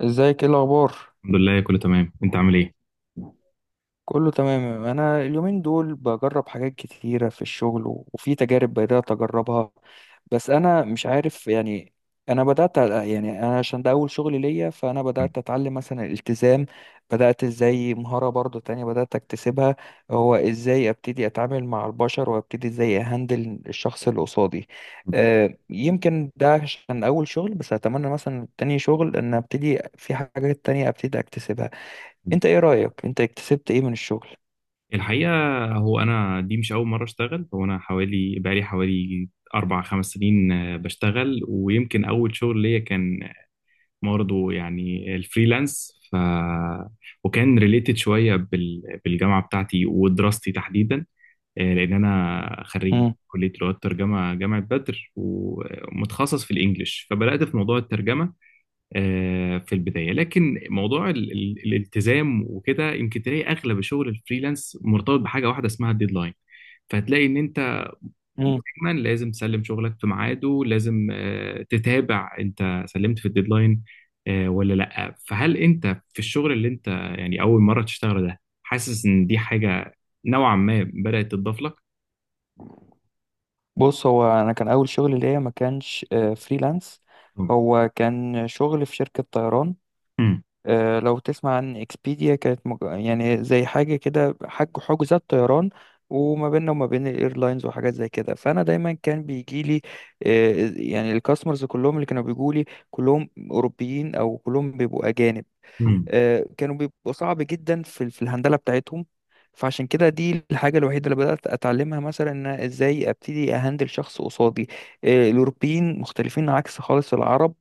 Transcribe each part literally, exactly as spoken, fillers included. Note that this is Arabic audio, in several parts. ازيك؟ ايه الاخبار؟ الحمد لله، كله تمام. انت عامل ايه؟ كله تمام. انا اليومين دول بجرب حاجات كتيره في الشغل، و- وفي تجارب بدات اجربها. بس انا مش عارف، يعني. انا بدات أ- يعني انا، عشان ده اول شغل ليا، فانا بدات اتعلم مثلا الالتزام. بدات ازاي مهاره برضو تانية بدات اكتسبها؟ هو ازاي ابتدي اتعامل مع البشر، وابتدي ازاي اهندل الشخص اللي قصادي؟ أه، يمكن ده عشان اول شغل، بس اتمنى مثلا تاني شغل ان ابتدي في حاجات تانية ابتدي اكتسبها. انت ايه رأيك؟ انت اكتسبت ايه من الشغل؟ الحقيقه هو انا دي مش اول مره اشتغل. هو انا حوالي بقالي حوالي اربع خمس سنين آه، بشتغل، ويمكن اول شغل ليا كان برضه يعني الفريلانس، ف وكان ريليتد شويه بال... بالجامعه بتاعتي ودراستي تحديدا. آه، لان انا خريج امم كليه لغات ترجمه جامعه بدر ومتخصص في الانجليش، فبدات في موضوع الترجمه آه، في البداية. لكن موضوع ال- ال- الالتزام وكده، يمكن تلاقي أغلب الشغل الفريلانس مرتبط بحاجة واحدة اسمها الديدلاين، فهتلاقي إن أنت امم دايما لازم تسلم شغلك في ميعاده، لازم آه، تتابع انت سلمت في الديدلاين آه، ولا لا. فهل انت في الشغل اللي انت يعني اول مره تشتغله ده حاسس ان دي حاجه نوعا ما بدات تضاف لك؟ بص، هو انا كان اول شغل ليا ما كانش آه، فريلانس. مم. هو كان شغل في شركة طيران. مم. آه، لو تسمع عن اكسبيديا، كانت مج... يعني زي حاجة كده، حج حجوزات طيران، وما بيننا وما بين الايرلاينز وحاجات زي كده. فانا دايما كان بيجي لي، آه، يعني الكاستمرز كلهم اللي كانوا بيجوا لي كلهم اوروبيين، او كلهم بيبقوا اجانب. مم. آه، كانوا بيبقوا صعب جدا في ال- في الهندلة بتاعتهم. فعشان كده دي الحاجة الوحيدة اللي بدأت أتعلمها، مثلا، إن أنا إزاي أبتدي أهندل شخص قصادي. آه، الأوروبيين مختلفين عكس خالص العرب.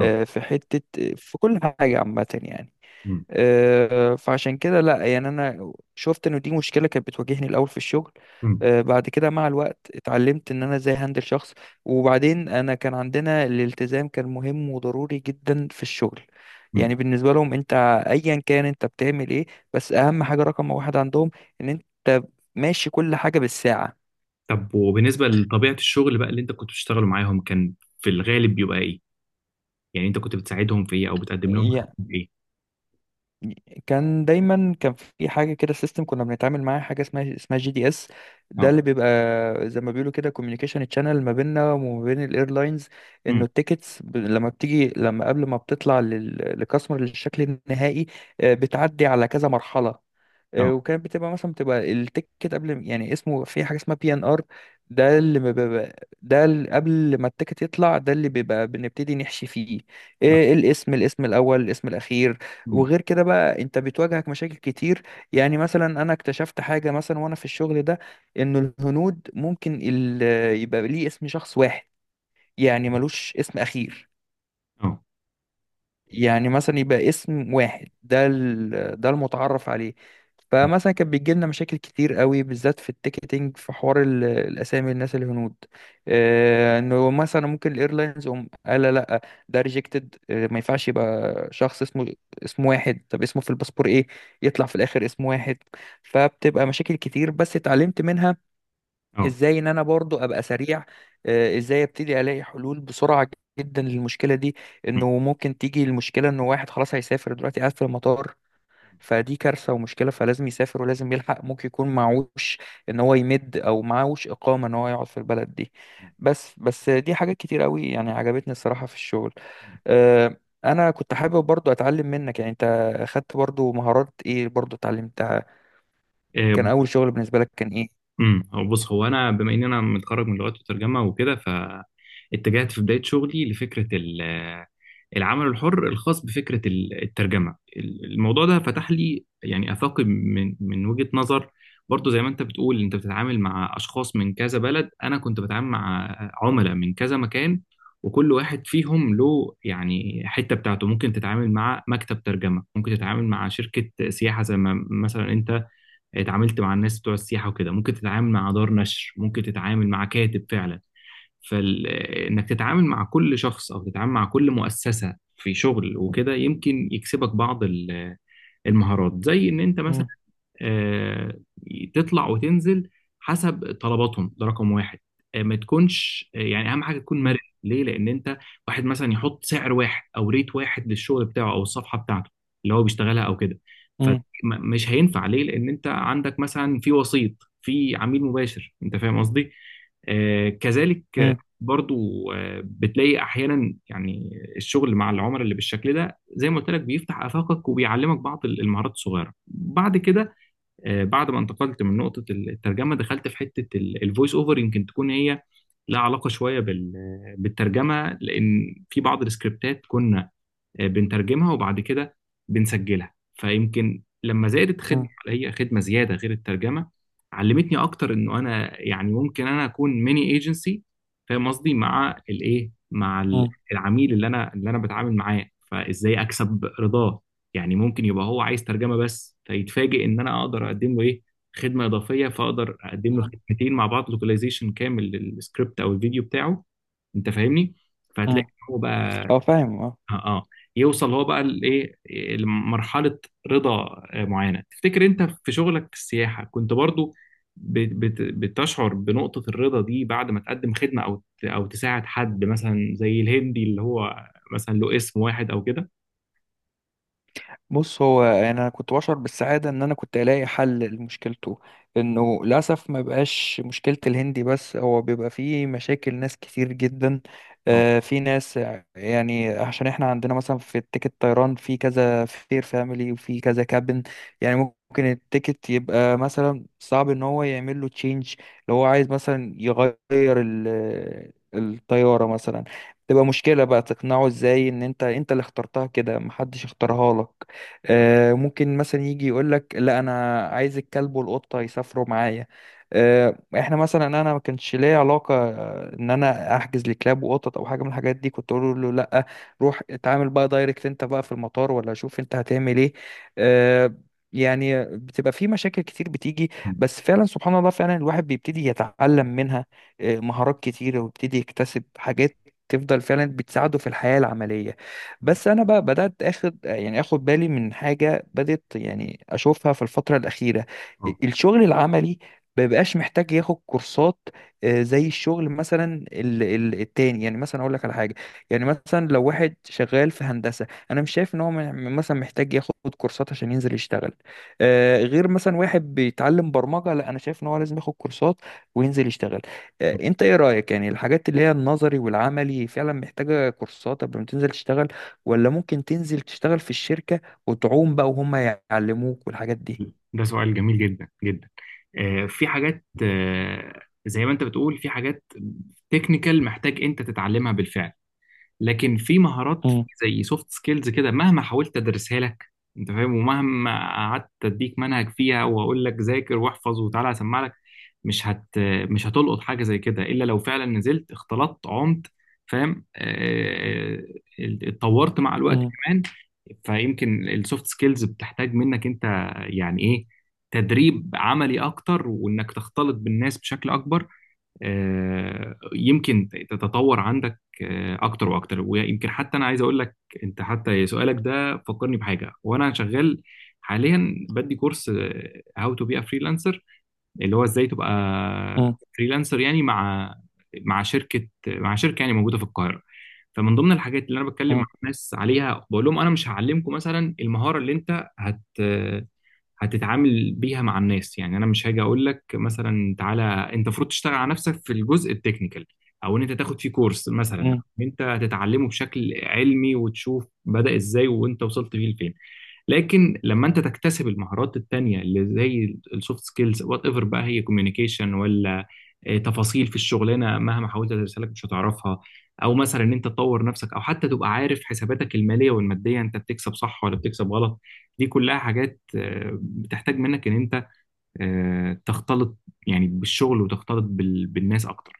آه. في حتة، آه، في كل حاجة عامة، يعني. مم. آه، فعشان كده، لا يعني، انا شفت انه دي مشكله كانت بتواجهني الاول في الشغل. مم. آه، بعد كده مع الوقت اتعلمت ان انا ازاي هندل شخص. وبعدين انا كان عندنا الالتزام كان مهم وضروري جدا في الشغل. يعني بالنسبه لهم، انت ايا كان انت بتعمل ايه، بس اهم حاجه رقم واحد عندهم ان انت ماشي كل حاجه بالساعه. طب وبالنسبة لطبيعة الشغل بقى اللي انت كنت بتشتغله معاهم، كان في الغالب بيبقى ايه؟ يعني انت كنت بتساعدهم في ايه او بتقدم لهم خدمة ايه؟ كان دايما كان في حاجه كده، سيستم كنا بنتعامل معاه، حاجه اسمها اسمها جي دي اس. ده اه. اللي بيبقى زي ما بيقولوا كده كوميونيكيشن تشانل ما بيننا وما بين الايرلاينز. امم. انه التيكتس، ب- لما بتيجي، لما قبل ما بتطلع للكاستمر للشكل النهائي، آه، بتعدي على كذا مرحله. آه، اه. وكانت بتبقى مثلا، بتبقى التيكت قبل يعني اسمه، في حاجه اسمها بي ان ار. ده اللي ما بيبقى ده اللي قبل ما التيكت يطلع، ده اللي بيبقى بنبتدي نحشي فيه. اه. إيه، الاسم، الاسم الاول، الاسم الاخير. امم. وغير كده بقى، انت بتواجهك مشاكل كتير. يعني مثلا انا اكتشفت حاجه، مثلا وانا في الشغل ده، انه الهنود ممكن ال- يبقى ليه اسم شخص واحد، يعني ملوش اسم اخير. اه. يعني مثلا يبقى اسم واحد، ده ال- ده المتعرف عليه. امم. فمثلا كان بيجي لنا مشاكل كتير قوي، بالذات في التيكتنج، في حوار ال- الاسامي، الناس الهنود. آه، انه مثلا ممكن الايرلاينز هم قال لا، لا، ده ريجكتد، ما ينفعش يبقى شخص اسمه اسم واحد. طب اسمه في الباسبور ايه؟ يطلع في الاخر اسم واحد. فبتبقى مشاكل كتير، بس اتعلمت منها اه. ازاي ان انا برضو ابقى سريع. آه، ازاي ابتدي الاقي حلول بسرعه جدا للمشكله دي. انه ممكن تيجي المشكله، انه واحد خلاص هيسافر دلوقتي قاعد في المطار، فدي كارثه ومشكله، فلازم يسافر ولازم يلحق، ممكن يكون معوش ان هو يمد، او معوش اقامه ان هو يقعد في البلد دي. بس بس دي حاجات كتير قوي، يعني عجبتني الصراحه في الشغل. آه، انا كنت حابب برضو اتعلم منك. يعني انت اخدت برضو مهارات ايه، برضو اتعلمتها؟ امم. كان اول شغل بالنسبه لك كان ايه؟ امم، هو بص هو انا بما ان انا متخرج من لغات وترجمه وكده، فاتجهت في بدايه شغلي لفكره ال- العمل الحر، الخاص بفكره ال- الترجمه. ال- الموضوع ده فتح لي يعني افاقي، من من وجهه نظر. برضو زي ما انت بتقول انت بتتعامل مع اشخاص من كذا بلد، انا كنت بتعامل مع عملاء من كذا مكان، وكل واحد فيهم له يعني حته بتاعته. ممكن تتعامل مع مكتب ترجمه، ممكن تتعامل مع شركه سياحه زي ما مثلا انت اتعاملت مع الناس بتوع السياحة وكده، ممكن تتعامل مع دار نشر، ممكن تتعامل مع كاتب فعلا. فإنك تتعامل مع كل شخص أو تتعامل مع كل مؤسسة في شغل وكده، يمكن يكسبك بعض ال- المهارات، زي إن أنت مثلا مم. آه، تطلع وتنزل حسب طلباتهم، ده رقم واحد. آه، ما تكونش آه، يعني اهم حاجه تكون مرن. مم. ليه؟ لان انت واحد مثلا يحط سعر واحد او ريت واحد للشغل بتاعه او الصفحه بتاعته اللي هو بيشتغلها او كده، مم. فمش هينفع. ليه؟ لان انت عندك مثلا في وسيط، في عميل مباشر، انت فاهم قصدي. آه، كذلك آه، مم. برضو آه، بتلاقي احيانا يعني الشغل مع العملاء اللي بالشكل ده زي ما قلت لك بيفتح افاقك وبيعلمك بعض المهارات الصغيره. بعد كده آه، بعد ما انتقلت من نقطة الترجمة، دخلت في حتة الفويس اوفر، يمكن تكون هي لها علاقة شوية بال- بالترجمة، لأن في بعض السكريبتات كنا آه، بنترجمها وبعد كده بنسجلها. فيمكن لما زادت خدمة، مم. هي خدمة زيادة غير الترجمة، علمتني أكتر إنه أنا يعني ممكن أنا أكون ميني ايجنسي. فاهم قصدي؟ مع الإيه، مع ال- مم. العميل اللي أنا اللي أنا بتعامل معاه، فإزاي أكسب رضاه. يعني ممكن يبقى هو عايز ترجمة بس، فيتفاجئ إن أنا أقدر أقدم له إيه، خدمة إضافية، فأقدر أقدم له مم. خدمتين مع بعض، لوكاليزيشن كامل للسكريبت أو الفيديو بتاعه. أنت فاهمني؟ فهتلاقي مم. إن هو بقى هو فاهم، اه. اه. آه، يوصل هو بقى لايه، إيه، لمرحله رضا آه، معينه. تفتكر انت في شغلك في السياحه كنت برضو بت- بت- بتشعر بنقطه الرضا دي بعد ما تقدم خدمه او ت- او تساعد حد مثلا زي الهندي اللي هو مثلا له اسم واحد او كده؟ بص، هو انا كنت بشعر بالسعاده ان انا كنت الاقي حل لمشكلته. انه للاسف ما بقاش مشكله الهندي بس، هو بيبقى فيه مشاكل ناس كتير جدا. اه. آه، في ناس، يعني عشان احنا عندنا مثلا، في التيكت طيران في كذا فير فاميلي وفي كذا كابن. يعني ممكن التيكت يبقى مثلا صعب ان هو يعمل له تشينج، لو هو عايز مثلا يغير ال- الطياره مثلا. تبقى مشكلة بقى تقنعه ازاي ان انت، انت اللي اخترتها كده، محدش اختارها لك. آه، ممكن مثلا يجي يقول لك لا انا عايز الكلب والقطه يسافروا معايا. آه، احنا مثلا، انا ما كانش ليا علاقه آه، ان انا احجز لكلاب وقطط او حاجه من الحاجات دي. كنت اقول له لا، روح اتعامل بقى دايركت انت بقى في المطار، ولا شوف انت هتعمل ايه. آه، يعني بتبقى في مشاكل كتير بتيجي، مم. بس فعلا سبحان الله، فعلا الواحد بيبتدي يتعلم منها آه، مهارات كتير، ويبتدي يكتسب حاجات تفضل فعلا بتساعده في الحياة العملية. مم. بس انا بقى بدات اخد، يعني اخد بالي من حاجه بدات يعني اشوفها في الفتره الاخيره. اه، الشغل العملي ما بقاش محتاج ياخد كورسات، آه، زي الشغل مثلا ال- ال- التاني. يعني مثلا اقول لك على حاجه، يعني مثلا لو واحد شغال في هندسه، انا مش شايف ان هو م- مثلا محتاج ياخد كورسات عشان ينزل يشتغل. آه، غير مثلا واحد بيتعلم برمجه، لا انا شايف ان هو لازم ياخد كورسات وينزل يشتغل. آه، انت ايه رايك؟ يعني الحاجات اللي هي النظري والعملي، فعلا محتاجه كورسات قبل ما تنزل تشتغل؟ ولا ممكن تنزل تشتغل في الشركة وتعوم بقى، وهم يعلموك والحاجات دي؟ ده سؤال جميل جدا جدا. آه، في حاجات آه، زي ما انت بتقول، في حاجات تكنيكال محتاج انت تتعلمها بالفعل، لكن في مهارات مم. زي سوفت سكيلز كده مهما حاولت ادرسها لك انت فاهم، ومهما قعدت اديك منهج فيها واقول لك ذاكر واحفظ وتعالى اسمع لك، مش هت مش هتلقط حاجه زي كده الا لو فعلا نزلت، اختلطت، عمت، فاهم، آه، اتطورت مع الوقت مم. كمان. فيمكن السوفت سكيلز بتحتاج منك انت يعني ايه، تدريب عملي اكتر، وانك تختلط بالناس بشكل اكبر. آه، يمكن تتطور عندك آه، اكتر واكتر. ويمكن حتى انا عايز اقول لك انت، حتى سؤالك ده فكرني بحاجه. وانا شغال حاليا بدي كورس، هاو تو بي ا فريلانسر، اللي هو ازاي تبقى مم. فريلانسر، يعني مع مع شركه مع شركه يعني موجوده في القاهره. فمن ضمن الحاجات اللي انا بتكلم مع مم. الناس عليها بقول لهم انا مش هعلمكم مثلا المهاره اللي انت هت هتتعامل بيها مع الناس. يعني انا مش هاجي اقول لك مثلا تعالى، انت المفروض تشتغل على نفسك في الجزء التكنيكال، او ان انت تاخد فيه كورس مثلا، مم. او ان انت تتعلمه بشكل علمي وتشوف بدأ ازاي وانت وصلت بيه لفين. لكن لما انت تكتسب المهارات التانية اللي زي السوفت سكيلز، وات ايفر بقى هي كوميونيكيشن ولا آه، تفاصيل في الشغلانه، مهما حاولت تدرسها لك مش هتعرفها. او مثلا ان انت تطور نفسك، او حتى تبقى عارف حساباتك الماليه والماديه، انت بتكسب صح ولا بتكسب غلط. دي كلها حاجات آه، بتحتاج منك ان انت آه، تختلط يعني بالشغل وتختلط بال- بالناس اكتر.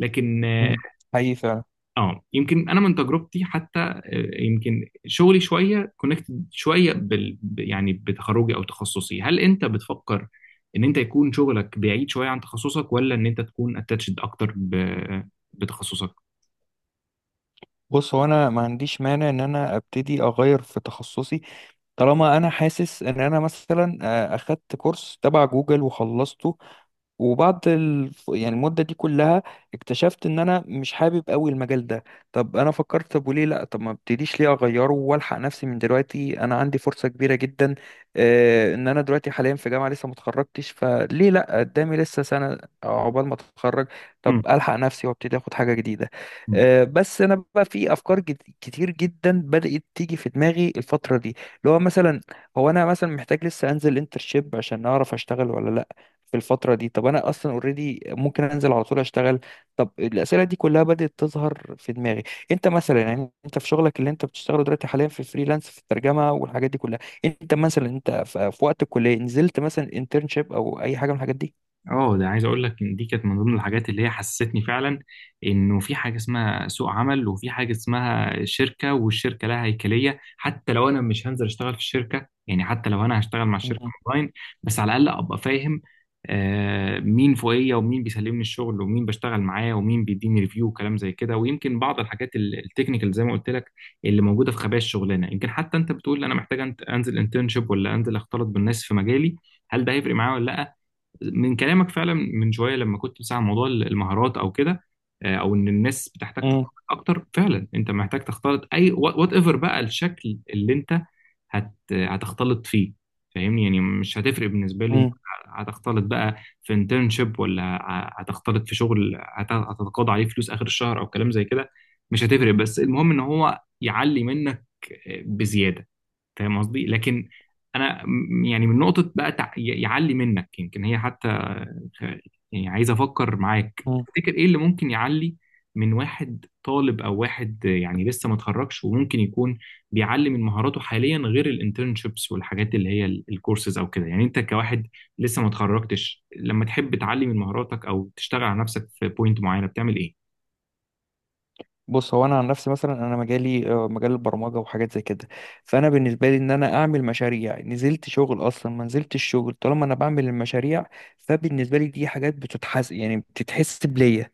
لكن آه، مم. حقيقي فعلا. اه يمكن انا من تجربتي حتى، آه، يمكن شغلي شويه كونكتد شويه بال ب- يعني بتخرجي او تخصصي. هل انت بتفكر ان انت يكون شغلك بعيد شويه عن تخصصك، ولا ان انت تكون اتاتشد اكتر ب... بتخصصك؟ بص، هو انا ما عنديش مانع ان انا ابتدي اغير في تخصصي. طالما انا حاسس ان انا مثلا آه، اخدت كورس تبع جوجل وخلصته، وبعد ال... يعني المدة دي كلها اكتشفت ان انا مش حابب قوي المجال ده. طب انا فكرت، طب وليه لا؟ طب ما ابتديش ليه اغيره والحق نفسي من دلوقتي؟ انا عندي فرصة كبيرة جدا، آه، ان انا دلوقتي حاليا في جامعة لسه ما اتخرجتش، فليه لا؟ قدامي لسه سنة عقبال ما اتخرج. طب الحق نفسي وابتدي اخد حاجة جديدة. مم. آه بس انا بقى في افكار جد... كتير جدا بدأت تيجي في دماغي الفترة دي، اللي هو مثلا، هو انا مثلا محتاج لسه انزل انترشيب عشان اعرف اشتغل ولا لا في الفترة دي؟ طب أنا أصلا أوريدي ممكن أنزل على طول أشتغل. طب الأسئلة دي كلها بدأت تظهر في دماغي. أنت مثلا، يعني أنت في شغلك اللي أنت بتشتغله دلوقتي حاليا في فريلانس في الترجمة والحاجات دي كلها، أنت مثلا أنت في في وقت الكلية نزلت مثلا انترنشيب أو أي حاجة من الحاجات دي؟ اه، ده عايز اقول لك ان دي كانت من ضمن الحاجات اللي هي حسستني فعلا انه في حاجه اسمها سوق عمل، وفي حاجه اسمها شركه، والشركه لها هيكليه. حتى لو انا مش هنزل اشتغل في الشركه، يعني حتى لو انا هشتغل مع الشركه مم. اونلاين، بس على الاقل ابقى فاهم آه مين فوقيه، ومين بيسلمني الشغل، ومين بشتغل معاه، ومين بيديني ريفيو، وكلام زي كده. ويمكن بعض الحاجات ال- التكنيكال زي ما قلت لك، اللي موجوده في خبايا الشغلانه. يمكن حتى انت بتقول انا محتاج أنت- انزل انترنشيب، ولا انزل اختلط بالناس في مجالي، هل ده هيفرق معايا ولا لا. من كلامك فعلا من شويه لما كنت بتسمع عن موضوع المهارات او كده، آه، او ان الناس بتحتاج مم. تختلط اكتر، فعلا انت محتاج تختلط، اي وات ايفر بقى الشكل اللي انت هت هتختلط فيه. فاهمني؟ يعني مش هتفرق بالنسبه لي انت هتختلط بقى في انترنشيب، ولا ه- هتختلط في شغل هت- هتتقاضى عليه فلوس اخر الشهر او كلام زي كده. مش هتفرق، بس المهم ان هو يعلي منك آه، بزياده، فاهم قصدي. لكن انا م- يعني من نقطه بقى تع... ي- يعلي منك، يمكن هي حتى خ- يعني عايز افكر معاك، مم. تفتكر ايه اللي ممكن يعلي من واحد طالب، او واحد يعني لسه ما اتخرجش، وممكن يكون بيعلي من مهاراته حاليا غير الانترنشيبس والحاجات اللي هي ال- الكورسز او كده؟ يعني انت كواحد لسه ما اتخرجتش، لما تحب تعلي من مهاراتك او تشتغل على نفسك في بوينت معينه، بتعمل ايه؟ بص، هو انا عن نفسي مثلا، انا مجالي آه، مجال البرمجه وحاجات زي كده. فانا بالنسبه لي ان انا اعمل مشاريع نزلت شغل اصلا، ما نزلت الشغل. طالما انا بعمل المشاريع، فبالنسبه لي دي حاجات بتتحس، يعني بتتحس بليا.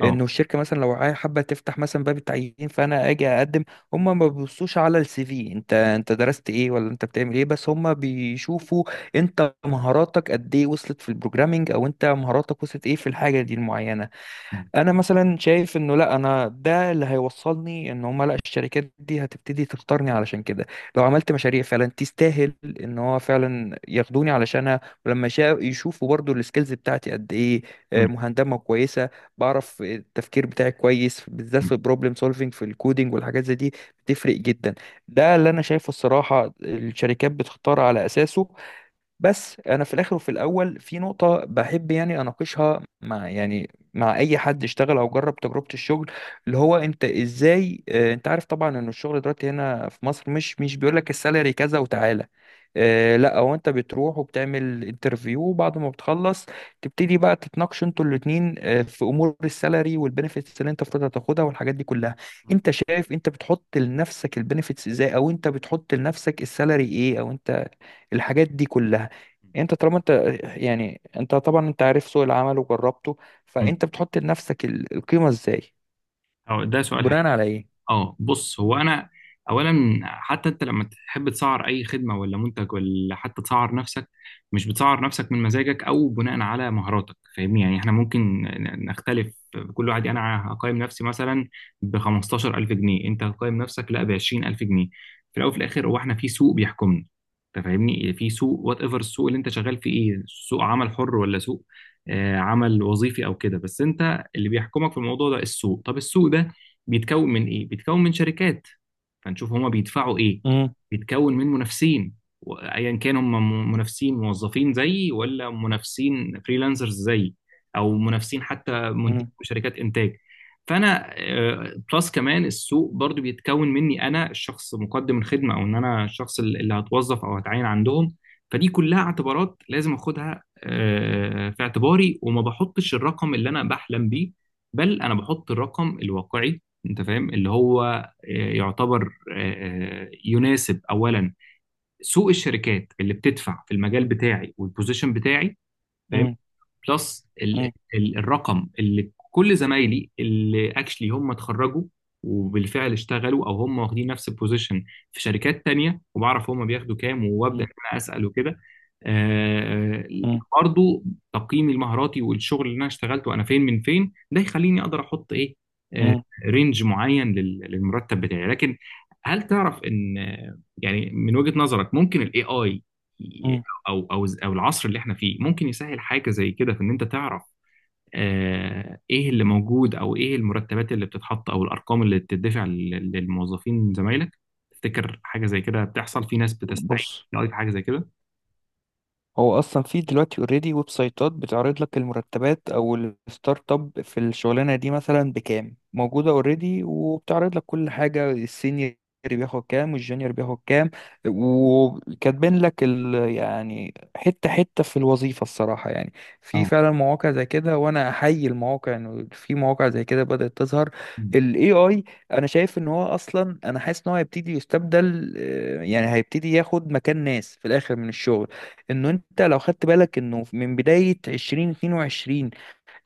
اه. انه الشركه مثلا لو عاي- حابه تفتح مثلا باب التعيين، فانا اجي اقدم. هم ما بيبصوش على السي في، انت انت درست ايه، ولا انت بتعمل ايه، بس هم بيشوفوا انت مهاراتك قد ايه وصلت في البروجرامينج، او انت مهاراتك وصلت ايه في الحاجه دي المعينه. م- انا مثلا شايف انه لا، انا ده اللي هيوصلني ان هم، لا الشركات دي هتبتدي تختارني علشان كده. لو عملت مشاريع فعلا تستاهل ان هو فعلا ياخدوني علشانها، ولما شا- يشوفوا برضو السكيلز بتاعتي قد ايه، آه، م- مهندمه كويسه، بعرف التفكير بتاعي كويس بالذات م- في البروبلم سولفينج في الكودينج والحاجات زي دي، بتفرق جدا. ده اللي انا شايفه الصراحه، الشركات بتختار على اساسه. بس انا في الاخر وفي الاول في نقطه بحب، يعني اناقشها مع، يعني مع اي حد اشتغل او جرب تجربه الشغل، اللي هو انت ازاي، آه، انت عارف طبعا ان الشغل دلوقتي هنا في مصر مش مش بيقول لك السالري كذا وتعالى. آه، لا هو انت بتروح وبتعمل انترفيو، وبعد ما بتخلص تبتدي بقى تتناقشوا انتوا الاتنين، آه، في امور السالري والبنفيتس اللي انت المفروض هتاخدها والحاجات دي كلها. م- انت شايف انت بتحط لنفسك البنفيتس ازاي؟ او انت بتحط لنفسك السالري ايه؟ او انت الحاجات دي كلها، يعني انت طالما انت، يعني انت طبعا انت عارف سوق العمل وجربته، م- فانت بتحط لنفسك ال- القيمة ازاي، اه، ده سؤال. بناء على ايه؟ اه، بص هو انا اولا، حتى انت لما تحب تسعر اي خدمه ولا منتج، ولا حتى تسعر نفسك، مش بتسعر نفسك من مزاجك او بناء على مهاراتك، فاهمني. يعني احنا ممكن نختلف، كل واحد يعني، انا هقيم نفسي مثلا ب خمستاشر الف جنيه، انت هتقيم نفسك لا ب عشرين الف جنيه. في الاول وفي الاخر هو احنا في سوق بيحكمنا، انت فاهمني، في سوق، وات ايفر السوق اللي انت شغال فيه ايه، سوق عمل حر ولا سوق آه، عمل وظيفي او كده. بس انت اللي بيحكمك في الموضوع ده السوق. طب السوق بيتكون من ايه؟ بيتكون من شركات، فنشوف هما بيدفعوا ايه. مم. بيتكون من منافسين، وايا كان هم م- منافسين موظفين زيي، ولا منافسين فريلانسرز زيي، او منافسين حتى منتج مم. شركات انتاج. فانا آه، بلس كمان السوق برضو بيتكون مني انا، الشخص مقدم الخدمه، او ان انا الشخص اللي اللي هتوظف او هتعين عندهم. فدي كلها اعتبارات لازم اخدها آه، في اعتباري، وما بحطش الرقم اللي انا بحلم بيه، بل انا بحط الرقم الواقعي. انت فاهم، اللي هو آه، يعتبر آه، آه، يناسب اولا سوق الشركات اللي بتدفع في المجال بتاعي والبوزيشن بتاعي. فاهمني؟ مم. بلس ال مم. ال الرقم اللي كل زمايلي اللي اكشلي هم اتخرجوا وبالفعل اشتغلوا، او هم واخدين نفس البوزيشن في شركات تانية، وبعرف هم بياخدوا كام، وابدا مم. ان انا اسال وكده. آه، مم. برضو تقييمي المهاراتي والشغل اللي انا اشتغلته، انا فين من فين، ده يخليني اقدر احط ايه آه، مم. رينج معين لل- للمرتب بتاعي. لكن هل تعرف ان آه، يعني من وجهة نظرك ممكن الاي اي مم. او او او العصر اللي احنا فيه ممكن يسهل حاجه زي كده، في ان انت تعرف آه ايه اللي موجود، او ايه المرتبات اللي بتتحط، او الارقام اللي بتدفع لل- للموظفين زمايلك؟ تفتكر حاجه زي كده بتحصل؟ في ناس بتستعين؟ بص، بتلاقي في حاجه زي كده؟ هو اصلا في دلوقتي اوريدي ويب سايتات بتعرض لك المرتبات، او الستارت اب في الشغلانه دي مثلا بكام، موجوده اوريدي، وبتعرض لك كل حاجه. السينيور بياخد كام والجونيور بياخد كام، وكاتبين لك ال، يعني حته حته في الوظيفه الصراحه يعني. في اه. فعلا مواقع زي كده، وانا احيي المواقع انه في مواقع زي كده بدات تظهر. مم. الاي اي، انا شايف ان هو اصلا، انا حاسس ان هو هيبتدي يستبدل، آه، يعني هيبتدي ياخد مكان ناس في الاخر من الشغل. انه انت لو خدت بالك، انه من بداية ألفين واتنين وعشرين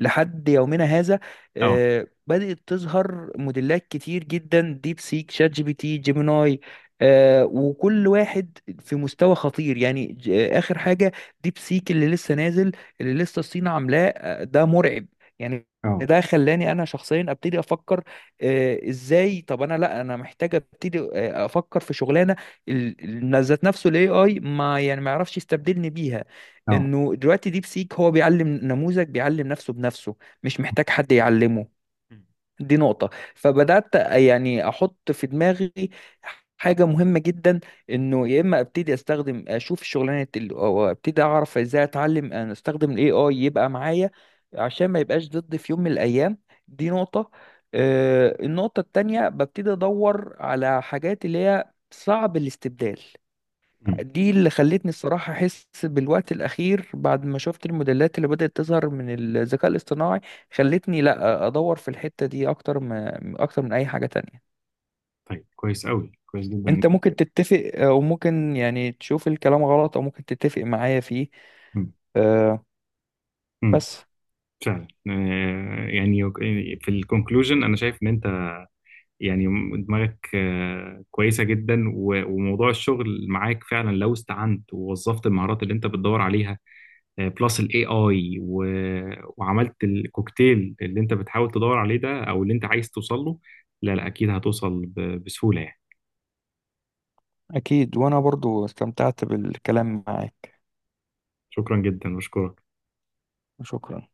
لحد يومنا هذا، اه. آه، بدأت تظهر موديلات كتير جدا، ديب سيك، شات جي بي تي، جيميناي، آه، وكل واحد في مستوى خطير، يعني ج- آه، آخر حاجة ديب سيك اللي لسه نازل، اللي لسه الصين عاملاه، آه، ده مرعب يعني. اه. ده خلاني انا شخصيا ابتدي افكر، آه، ازاي، طب انا لا، انا محتاج ابتدي آه، افكر في شغلانه ال- ال- ذات نفسه الاي اي ما يعني ما يعرفش يستبدلني بيها. اه. انه دلوقتي ديب سيك هو بيعلم نموذج بيعلم نفسه بنفسه، مش محتاج حد يعلمه. مم. دي نقطة. فبدأت يعني احط في دماغي حاجة مهمة جدا، انه يا اما ابتدي استخدم اشوف الشغلانة ال، او ابتدي اعرف ازاي اتعلم ان استخدم الاي اي يبقى معايا عشان ما يبقاش ضدي في يوم من الايام. دي نقطة. آه، النقطة التانية، ببتدي ادور على حاجات اللي هي صعب الاستبدال. مم. دي اللي خلتني الصراحة أحس بالوقت الأخير، بعد ما شفت الموديلات اللي بدأت تظهر من الذكاء الاصطناعي، خلتني لأ أدور في الحتة دي أكتر، ما أكتر من أي حاجة تانية. طيب، كويس قوي، كويس جدا. أنت ممكن تتفق، آه، وممكن يعني تشوف الكلام غلط، أو ممكن تتفق معايا فيه، مم. آه، مم. بس فعلا آه، يعني في الكونكلوجن انا شايف ان انت يعني دماغك آه، كويسة جدا، و- وموضوع الشغل معاك فعلا لو استعنت ووظفت المهارات اللي انت بتدور عليها بلس الاي اي، وعملت الكوكتيل اللي انت بتحاول تدور عليه ده، او اللي انت عايز توصل له، لا لا، اكيد هتوصل ب- بسهولة يعني. أكيد. وأنا برضو استمتعت بالكلام معاك. شكرا جدا، بشكرك. شكرا.